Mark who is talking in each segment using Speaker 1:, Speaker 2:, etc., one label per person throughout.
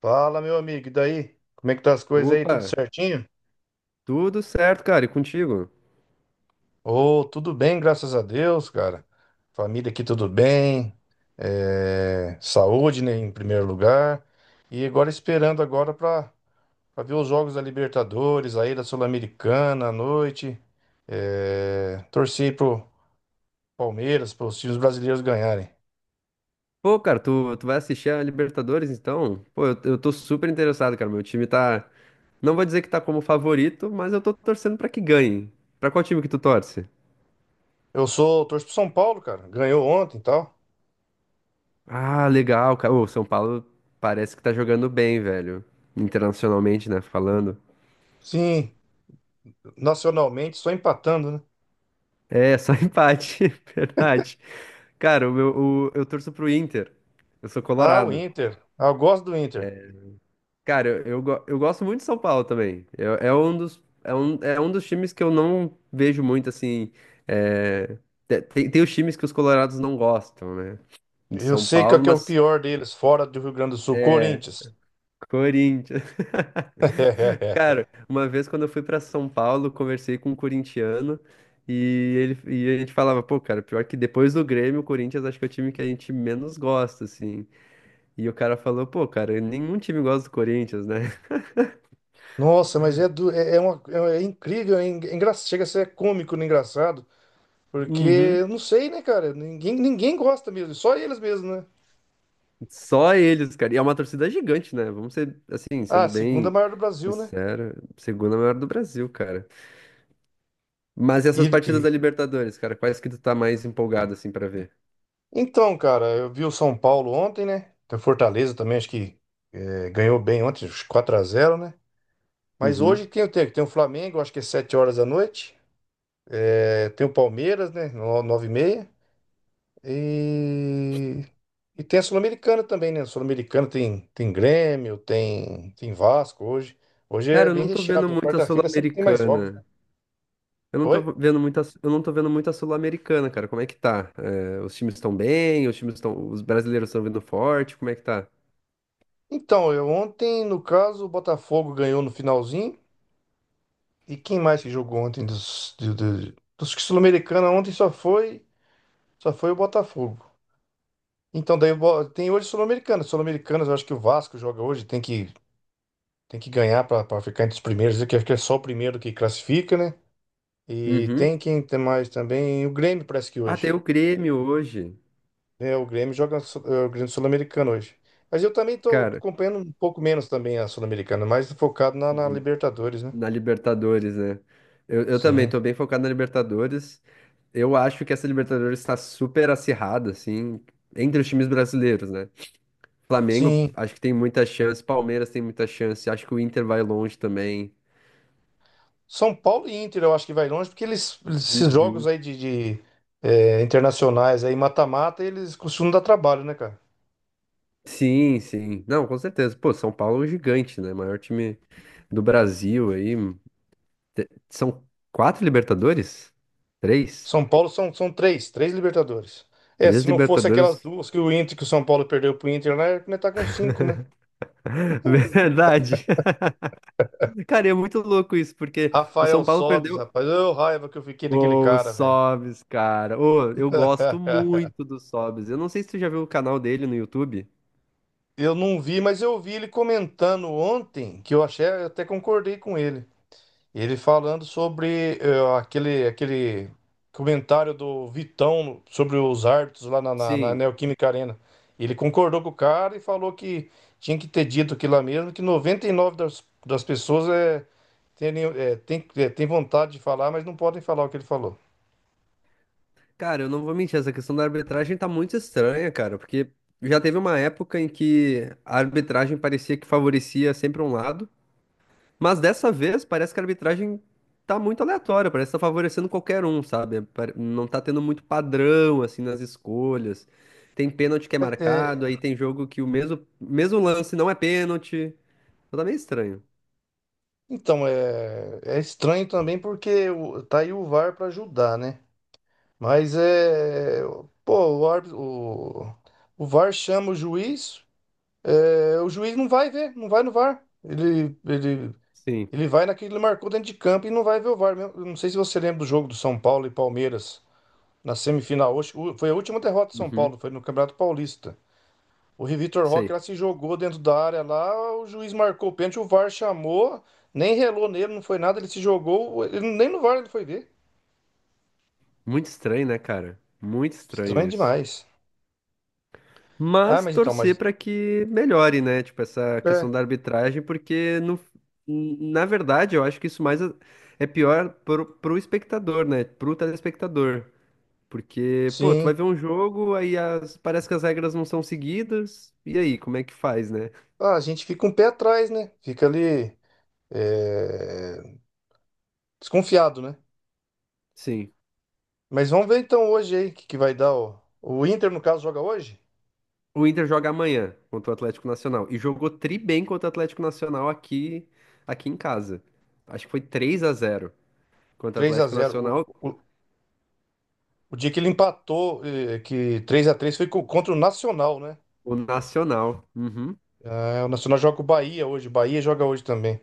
Speaker 1: Fala, meu amigo, e daí? Como é que tá as coisas aí?
Speaker 2: Opa,
Speaker 1: Tudo certinho?
Speaker 2: tudo certo, cara, e contigo?
Speaker 1: Ô, tudo bem, graças a Deus, cara. Família aqui tudo bem. Saúde, né, em primeiro lugar. E agora esperando agora para ver os jogos da Libertadores, aí da Sul-Americana à noite. Torcer pro Palmeiras, para os times brasileiros ganharem.
Speaker 2: Pô, cara, tu vai assistir a Libertadores, então? Pô, eu tô super interessado, cara, meu time tá... Não vou dizer que tá como favorito, mas eu tô torcendo pra que ganhe. Pra qual time que tu torce?
Speaker 1: Torço pro São Paulo, cara. Ganhou ontem e tal.
Speaker 2: Ah, legal, cara. O São Paulo parece que tá jogando bem, velho. Internacionalmente, né, falando.
Speaker 1: Sim, nacionalmente só empatando, né?
Speaker 2: É, só empate, verdade. Cara, eu torço pro Inter. Eu sou
Speaker 1: Ah, o
Speaker 2: colorado.
Speaker 1: Inter. Ah, eu gosto do Inter.
Speaker 2: Cara, eu gosto muito de São Paulo também. É um dos, é um dos times que eu não vejo muito assim. É, tem, tem os times que os colorados não gostam, né? De
Speaker 1: Eu
Speaker 2: São
Speaker 1: sei qual
Speaker 2: Paulo,
Speaker 1: que é o
Speaker 2: mas
Speaker 1: pior deles, fora do Rio Grande do Sul, Corinthians.
Speaker 2: Corinthians. Cara, uma vez quando eu fui pra São Paulo, conversei com um corintiano e ele e a gente falava, pô, cara, pior que depois do Grêmio, o Corinthians acho que é o time que a gente menos gosta, assim. E o cara falou, pô, cara, nenhum time gosta do Corinthians, né?
Speaker 1: Nossa, mas é, é incrível, chega a ser cômico, né, engraçado, porque eu não sei, né, cara? Ninguém gosta mesmo, só eles mesmo, né?
Speaker 2: Só eles, cara. E é uma torcida gigante, né? Vamos ser, assim,
Speaker 1: Ah,
Speaker 2: sendo
Speaker 1: segunda
Speaker 2: bem
Speaker 1: maior do Brasil, né?
Speaker 2: sincero, segunda maior do Brasil, cara. Mas e
Speaker 1: E,
Speaker 2: essas partidas
Speaker 1: e-
Speaker 2: da Libertadores, cara, quais que tu tá mais empolgado, assim, pra ver?
Speaker 1: Então, cara, eu vi o São Paulo ontem, né? Tem o Fortaleza também, ganhou bem ontem, acho que 4 a 0, né? Mas hoje
Speaker 2: Uhum.
Speaker 1: tem o quê? Tem o Flamengo, acho que é 7 horas da noite. É, tem o Palmeiras, né? 9 e meia. E, tem a Sul-Americana também, né? A Sul-Americana tem, tem Grêmio, tem, tem Vasco hoje. Hoje é
Speaker 2: Cara, eu
Speaker 1: bem
Speaker 2: não tô vendo
Speaker 1: recheado, né?
Speaker 2: muito a
Speaker 1: Quarta-feira sempre tem mais jogos, né?
Speaker 2: Sul-Americana.
Speaker 1: Oi?
Speaker 2: Eu não tô vendo muito a Sul-Americana, cara. Como é que tá? É, os times estão bem? Os brasileiros estão vindo forte? Como é que tá?
Speaker 1: Então, eu ontem, no caso, o Botafogo ganhou no finalzinho. E quem mais que jogou ontem dos que Sul-Americana ontem só foi o Botafogo. Então, daí tem hoje Sul-Americana. Sul-Americanas, eu acho que o Vasco joga hoje, tem que ganhar para ficar entre os primeiros, que acho que é só o primeiro que classifica, né? E
Speaker 2: Uhum.
Speaker 1: tem quem tem mais também. O Grêmio parece que
Speaker 2: Ah, tem
Speaker 1: hoje.
Speaker 2: o Grêmio hoje,
Speaker 1: Né o Grêmio joga o Grêmio Sul-Americano hoje. Mas eu também tô
Speaker 2: cara.
Speaker 1: acompanhando um pouco menos também a Sul-Americana, mais focado na
Speaker 2: Uhum.
Speaker 1: Libertadores, né?
Speaker 2: Na Libertadores, né? Eu também
Speaker 1: Sim.
Speaker 2: tô bem focado na Libertadores. Eu acho que essa Libertadores está super acirrada, assim, entre os times brasileiros, né? Flamengo,
Speaker 1: Sim.
Speaker 2: acho que tem muita chance, Palmeiras tem muita chance, acho que o Inter vai longe também.
Speaker 1: São Paulo e Inter eu acho que vai longe, porque eles, esses jogos
Speaker 2: Uhum.
Speaker 1: aí de, internacionais aí, mata-mata, eles costumam dar trabalho, né, cara?
Speaker 2: Sim, sim. Não, com certeza. Pô, São Paulo é um gigante, né? Maior time do Brasil aí. São quatro Libertadores? Três?
Speaker 1: São Paulo são 3 Libertadores. É,
Speaker 2: Três
Speaker 1: se não fosse aquelas
Speaker 2: Libertadores.
Speaker 1: duas que o Inter, que o São Paulo perdeu pro Inter, né, tá com 5, né?
Speaker 2: Verdade. Cara, e é muito louco isso, porque o
Speaker 1: Rafael
Speaker 2: São Paulo
Speaker 1: Sobis,
Speaker 2: perdeu.
Speaker 1: rapaz. Raiva que eu fiquei daquele
Speaker 2: O
Speaker 1: cara, velho.
Speaker 2: Sobs, cara. Ô, eu gosto muito do Sobs. Eu não sei se tu já viu o canal dele no YouTube.
Speaker 1: Eu não vi, mas eu vi ele comentando ontem, que eu achei, eu até concordei com ele. Ele falando sobre aquele comentário do Vitão sobre os árbitros lá na
Speaker 2: Sim.
Speaker 1: Neoquímica Arena. Ele concordou com o cara e falou que tinha que ter dito aquilo lá mesmo, que 99% das pessoas tem vontade de falar, mas não podem falar o que ele falou.
Speaker 2: Cara, eu não vou mentir, essa questão da arbitragem tá muito estranha, cara, porque já teve uma época em que a arbitragem parecia que favorecia sempre um lado, mas dessa vez parece que a arbitragem tá muito aleatória, parece que tá favorecendo qualquer um, sabe? Não tá tendo muito padrão, assim, nas escolhas. Tem pênalti que é marcado, aí tem jogo que o mesmo lance não é pênalti. Então tá meio estranho.
Speaker 1: Então, é estranho também porque tá aí o VAR para ajudar, né? Mas é. Pô, o VAR chama o juiz, é, o juiz não vai ver, não vai no VAR.
Speaker 2: Sim.
Speaker 1: Ele vai naquele que ele marcou dentro de campo e não vai ver o VAR mesmo. Eu não sei se você lembra do jogo do São Paulo e Palmeiras na semifinal. Hoje, foi a última derrota do São
Speaker 2: Uhum.
Speaker 1: Paulo, foi no Campeonato Paulista. O Vitor Roque lá
Speaker 2: Sei.
Speaker 1: se jogou dentro da área lá, o juiz marcou o pênalti, o VAR chamou, nem relou nele, não foi nada, ele se jogou, ele, nem no VAR ele foi ver.
Speaker 2: Muito estranho, né, cara? Muito estranho
Speaker 1: Estranho
Speaker 2: isso.
Speaker 1: demais. Ah,
Speaker 2: Mas
Speaker 1: mas então,
Speaker 2: torcer
Speaker 1: mas.
Speaker 2: pra que melhore, né? Tipo, essa
Speaker 1: É,
Speaker 2: questão da arbitragem, porque no, na verdade eu acho que isso mais é pior pro, pro espectador, né? Pro telespectador. Porque, pô, tu vai
Speaker 1: sim.
Speaker 2: ver um jogo, aí parece que as regras não são seguidas, e aí, como é que faz, né?
Speaker 1: Ah, a gente fica um pé atrás, né? Fica ali, é, desconfiado, né?
Speaker 2: Sim.
Speaker 1: Mas vamos ver então hoje aí que vai dar. O Inter, no caso, joga hoje?
Speaker 2: O Inter joga amanhã contra o Atlético Nacional. E jogou tri bem contra o Atlético Nacional aqui, aqui em casa. Acho que foi 3 a 0 contra o
Speaker 1: Três a
Speaker 2: Atlético
Speaker 1: zero.
Speaker 2: Nacional.
Speaker 1: O dia que ele empatou, eh, que 3 a 3 contra o Nacional, né?
Speaker 2: O Nacional. Uhum.
Speaker 1: Ah, o Nacional joga com o Bahia hoje, Bahia joga hoje também.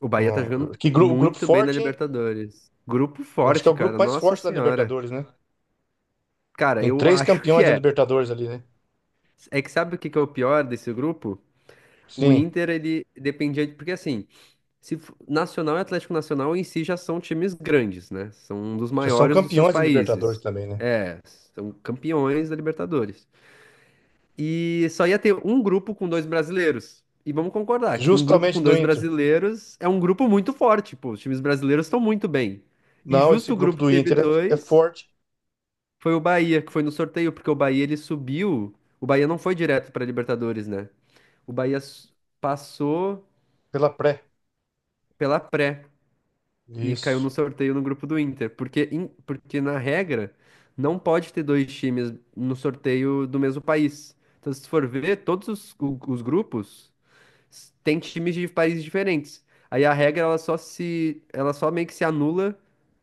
Speaker 2: O Bahia tá jogando
Speaker 1: Grupo
Speaker 2: muito bem na
Speaker 1: forte, hein?
Speaker 2: Libertadores. Grupo
Speaker 1: Eu acho que é
Speaker 2: forte,
Speaker 1: o grupo
Speaker 2: cara.
Speaker 1: mais
Speaker 2: Nossa
Speaker 1: forte da
Speaker 2: Senhora.
Speaker 1: Libertadores, né?
Speaker 2: Cara,
Speaker 1: Tem
Speaker 2: eu
Speaker 1: três
Speaker 2: acho que
Speaker 1: campeões da
Speaker 2: é.
Speaker 1: Libertadores ali, né?
Speaker 2: É que sabe o que que é o pior desse grupo? O
Speaker 1: Sim,
Speaker 2: Inter, ele dependia de. Porque assim, Se f- Nacional e Atlético Nacional em si já são times grandes, né? São um dos
Speaker 1: já são
Speaker 2: maiores dos seus
Speaker 1: campeões da Libertadores
Speaker 2: países.
Speaker 1: também, né?
Speaker 2: É, são campeões da Libertadores. E só ia ter um grupo com dois brasileiros. E vamos concordar que um grupo
Speaker 1: Justamente
Speaker 2: com
Speaker 1: do
Speaker 2: dois
Speaker 1: Inter.
Speaker 2: brasileiros é um grupo muito forte, pô. Os times brasileiros estão muito bem. E
Speaker 1: Não, esse
Speaker 2: justo o
Speaker 1: grupo
Speaker 2: grupo que
Speaker 1: do
Speaker 2: teve
Speaker 1: Inter é, é
Speaker 2: dois
Speaker 1: forte
Speaker 2: foi o Bahia, que foi no sorteio, porque o Bahia ele subiu. O Bahia não foi direto para Libertadores, né? O Bahia s- passou
Speaker 1: pela pré.
Speaker 2: pela pré. E caiu
Speaker 1: Isso.
Speaker 2: no sorteio no grupo do Inter. Porque, porque na regra, não pode ter dois times no sorteio do mesmo país. Então, se tu for ver, os grupos têm times de países diferentes. Aí a regra, ela só meio que se anula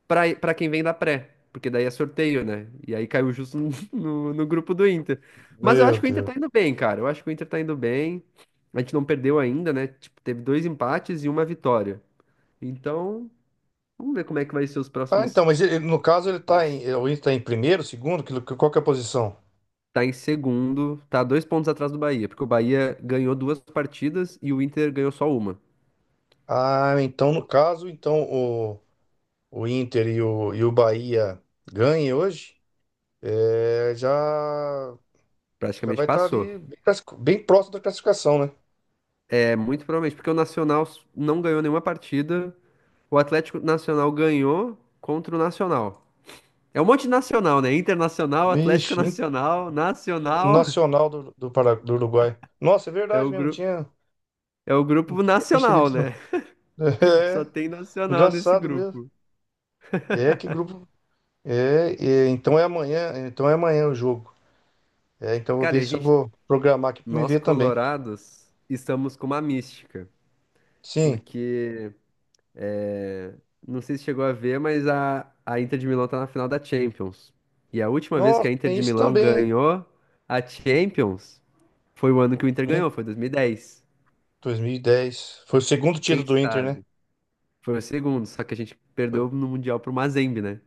Speaker 2: para para quem vem da pré. Porque daí é sorteio, né? E aí caiu justo no grupo do Inter. Mas eu
Speaker 1: Meu
Speaker 2: acho que o Inter
Speaker 1: Deus.
Speaker 2: tá indo bem, cara. Eu acho que o Inter tá indo bem. A gente não perdeu ainda, né? Tipo, teve dois empates e uma vitória. Então, vamos ver como é que vai ser os
Speaker 1: Ah,
Speaker 2: próximos
Speaker 1: então, no caso ele tá
Speaker 2: passos.
Speaker 1: em, o Inter tá em primeiro, segundo, que, qual que é a posição?
Speaker 2: Tá em segundo, tá dois pontos atrás do Bahia, porque o Bahia ganhou duas partidas e o Inter ganhou só uma.
Speaker 1: Ah, então no caso, então o Inter e o Bahia ganhem hoje, é, já já
Speaker 2: Praticamente
Speaker 1: vai estar
Speaker 2: passou.
Speaker 1: ali bem, bem próximo da classificação, né?
Speaker 2: É muito provavelmente, porque o Nacional não ganhou nenhuma partida, o Atlético Nacional ganhou contra o Nacional. É um monte de nacional, né? Internacional, Atlético
Speaker 1: Vixe, in-
Speaker 2: Nacional, Nacional.
Speaker 1: Nacional do Uruguai. Nossa, é
Speaker 2: É
Speaker 1: verdade
Speaker 2: o
Speaker 1: mesmo,
Speaker 2: grupo, é o
Speaker 1: não
Speaker 2: grupo
Speaker 1: tinha percebido
Speaker 2: nacional,
Speaker 1: isso, não.
Speaker 2: né? Só
Speaker 1: É,
Speaker 2: tem nacional nesse
Speaker 1: engraçado mesmo.
Speaker 2: grupo.
Speaker 1: É, que grupo. Então é amanhã o jogo. É, então eu vou
Speaker 2: Cara, e
Speaker 1: ver
Speaker 2: a
Speaker 1: se eu
Speaker 2: gente,
Speaker 1: vou programar aqui para me
Speaker 2: nós
Speaker 1: ver também.
Speaker 2: colorados, estamos com uma mística,
Speaker 1: Sim.
Speaker 2: porque é, não sei se chegou a ver, mas a Inter de Milão tá na final da Champions. E a última vez que
Speaker 1: Nossa,
Speaker 2: a Inter
Speaker 1: tem
Speaker 2: de
Speaker 1: isso
Speaker 2: Milão
Speaker 1: também, hein?
Speaker 2: ganhou a Champions foi o ano que
Speaker 1: O
Speaker 2: o Inter
Speaker 1: Inter
Speaker 2: ganhou, foi 2010.
Speaker 1: 2010. Foi o segundo título
Speaker 2: Quem
Speaker 1: do Inter, né?
Speaker 2: sabe? Foi o segundo, só que a gente
Speaker 1: Foi-
Speaker 2: perdeu no Mundial pro Mazembe, né?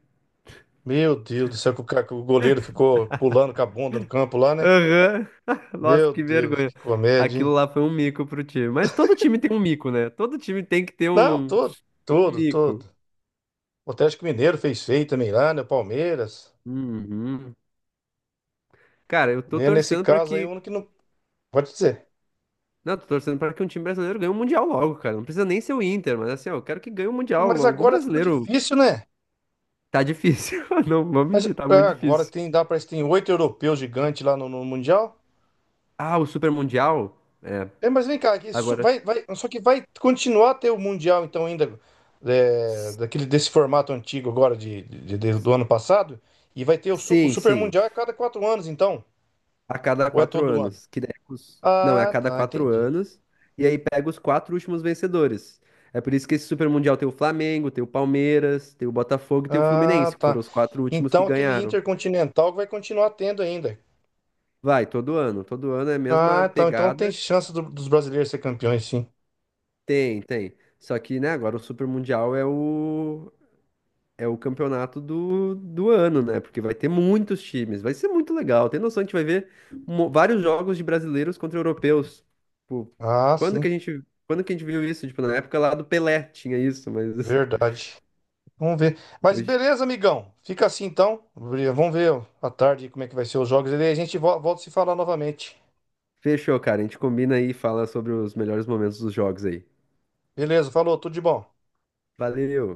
Speaker 1: Meu Deus do céu, que que o goleiro ficou pulando com a bunda no campo lá, né?
Speaker 2: Aham. Nossa,
Speaker 1: Meu
Speaker 2: que
Speaker 1: Deus,
Speaker 2: vergonha.
Speaker 1: que comédia, hein?
Speaker 2: Aquilo lá foi um mico pro time. Mas todo time tem um mico, né? Todo time tem que ter
Speaker 1: Não,
Speaker 2: um
Speaker 1: todo.
Speaker 2: mico.
Speaker 1: O Atlético Mineiro fez feio também lá, né? O Palmeiras.
Speaker 2: Uhum. Cara, eu tô
Speaker 1: Né? Nesse
Speaker 2: torcendo pra
Speaker 1: caso aí, o
Speaker 2: que
Speaker 1: único que não. Pode dizer.
Speaker 2: não, tô torcendo pra que um time brasileiro ganhe o Mundial logo, cara. Não precisa nem ser o Inter, mas assim, ó, eu quero que ganhe o Mundial.
Speaker 1: Mas
Speaker 2: Algum
Speaker 1: agora ficou
Speaker 2: brasileiro.
Speaker 1: difícil, né?
Speaker 2: Tá difícil. Não, vou
Speaker 1: Mas
Speaker 2: mentir, tá
Speaker 1: é,
Speaker 2: muito
Speaker 1: agora
Speaker 2: difícil.
Speaker 1: tem, dá, parece que tem 8 europeus gigantes lá no Mundial.
Speaker 2: Ah, o Super Mundial? É.
Speaker 1: É, mas vem cá,
Speaker 2: Agora.
Speaker 1: vai, só que vai continuar a ter o Mundial, então, ainda é,
Speaker 2: s-
Speaker 1: desse formato antigo agora do ano passado. E vai ter o
Speaker 2: Sim,
Speaker 1: Super
Speaker 2: sim.
Speaker 1: Mundial a cada 4 anos, então.
Speaker 2: A cada
Speaker 1: Ou é
Speaker 2: quatro
Speaker 1: todo ano?
Speaker 2: anos. Que daí não, é a
Speaker 1: Ah,
Speaker 2: cada
Speaker 1: tá,
Speaker 2: quatro
Speaker 1: entendi.
Speaker 2: anos. E aí pega os quatro últimos vencedores. É por isso que esse Super Mundial tem o Flamengo, tem o Palmeiras, tem o Botafogo e tem o
Speaker 1: Ah,
Speaker 2: Fluminense, que
Speaker 1: tá.
Speaker 2: foram os quatro últimos que
Speaker 1: Então aquele
Speaker 2: ganharam.
Speaker 1: Intercontinental vai continuar tendo ainda.
Speaker 2: Vai, todo ano. Todo ano é a mesma
Speaker 1: Ah, então, então tem
Speaker 2: pegada.
Speaker 1: chance dos brasileiros ser campeões, sim.
Speaker 2: Tem, tem. Só que, né, agora o Super Mundial é o campeonato do, do ano, né? Porque vai ter muitos times. Vai ser muito legal. Tem noção, a gente vai ver vários jogos de brasileiros contra europeus. Tipo,
Speaker 1: Ah, sim.
Speaker 2: quando que a gente viu isso? Tipo, na época lá do Pelé tinha isso, mas
Speaker 1: Verdade. Vamos ver. Mas
Speaker 2: hoje.
Speaker 1: beleza, amigão. Fica assim então. Vamos ver à tarde como é que vai ser os jogos. E daí a gente volta a se falar novamente.
Speaker 2: Fechou, cara. A gente combina aí e fala sobre os melhores momentos dos jogos aí.
Speaker 1: Beleza, falou, tudo de bom.
Speaker 2: Valeu!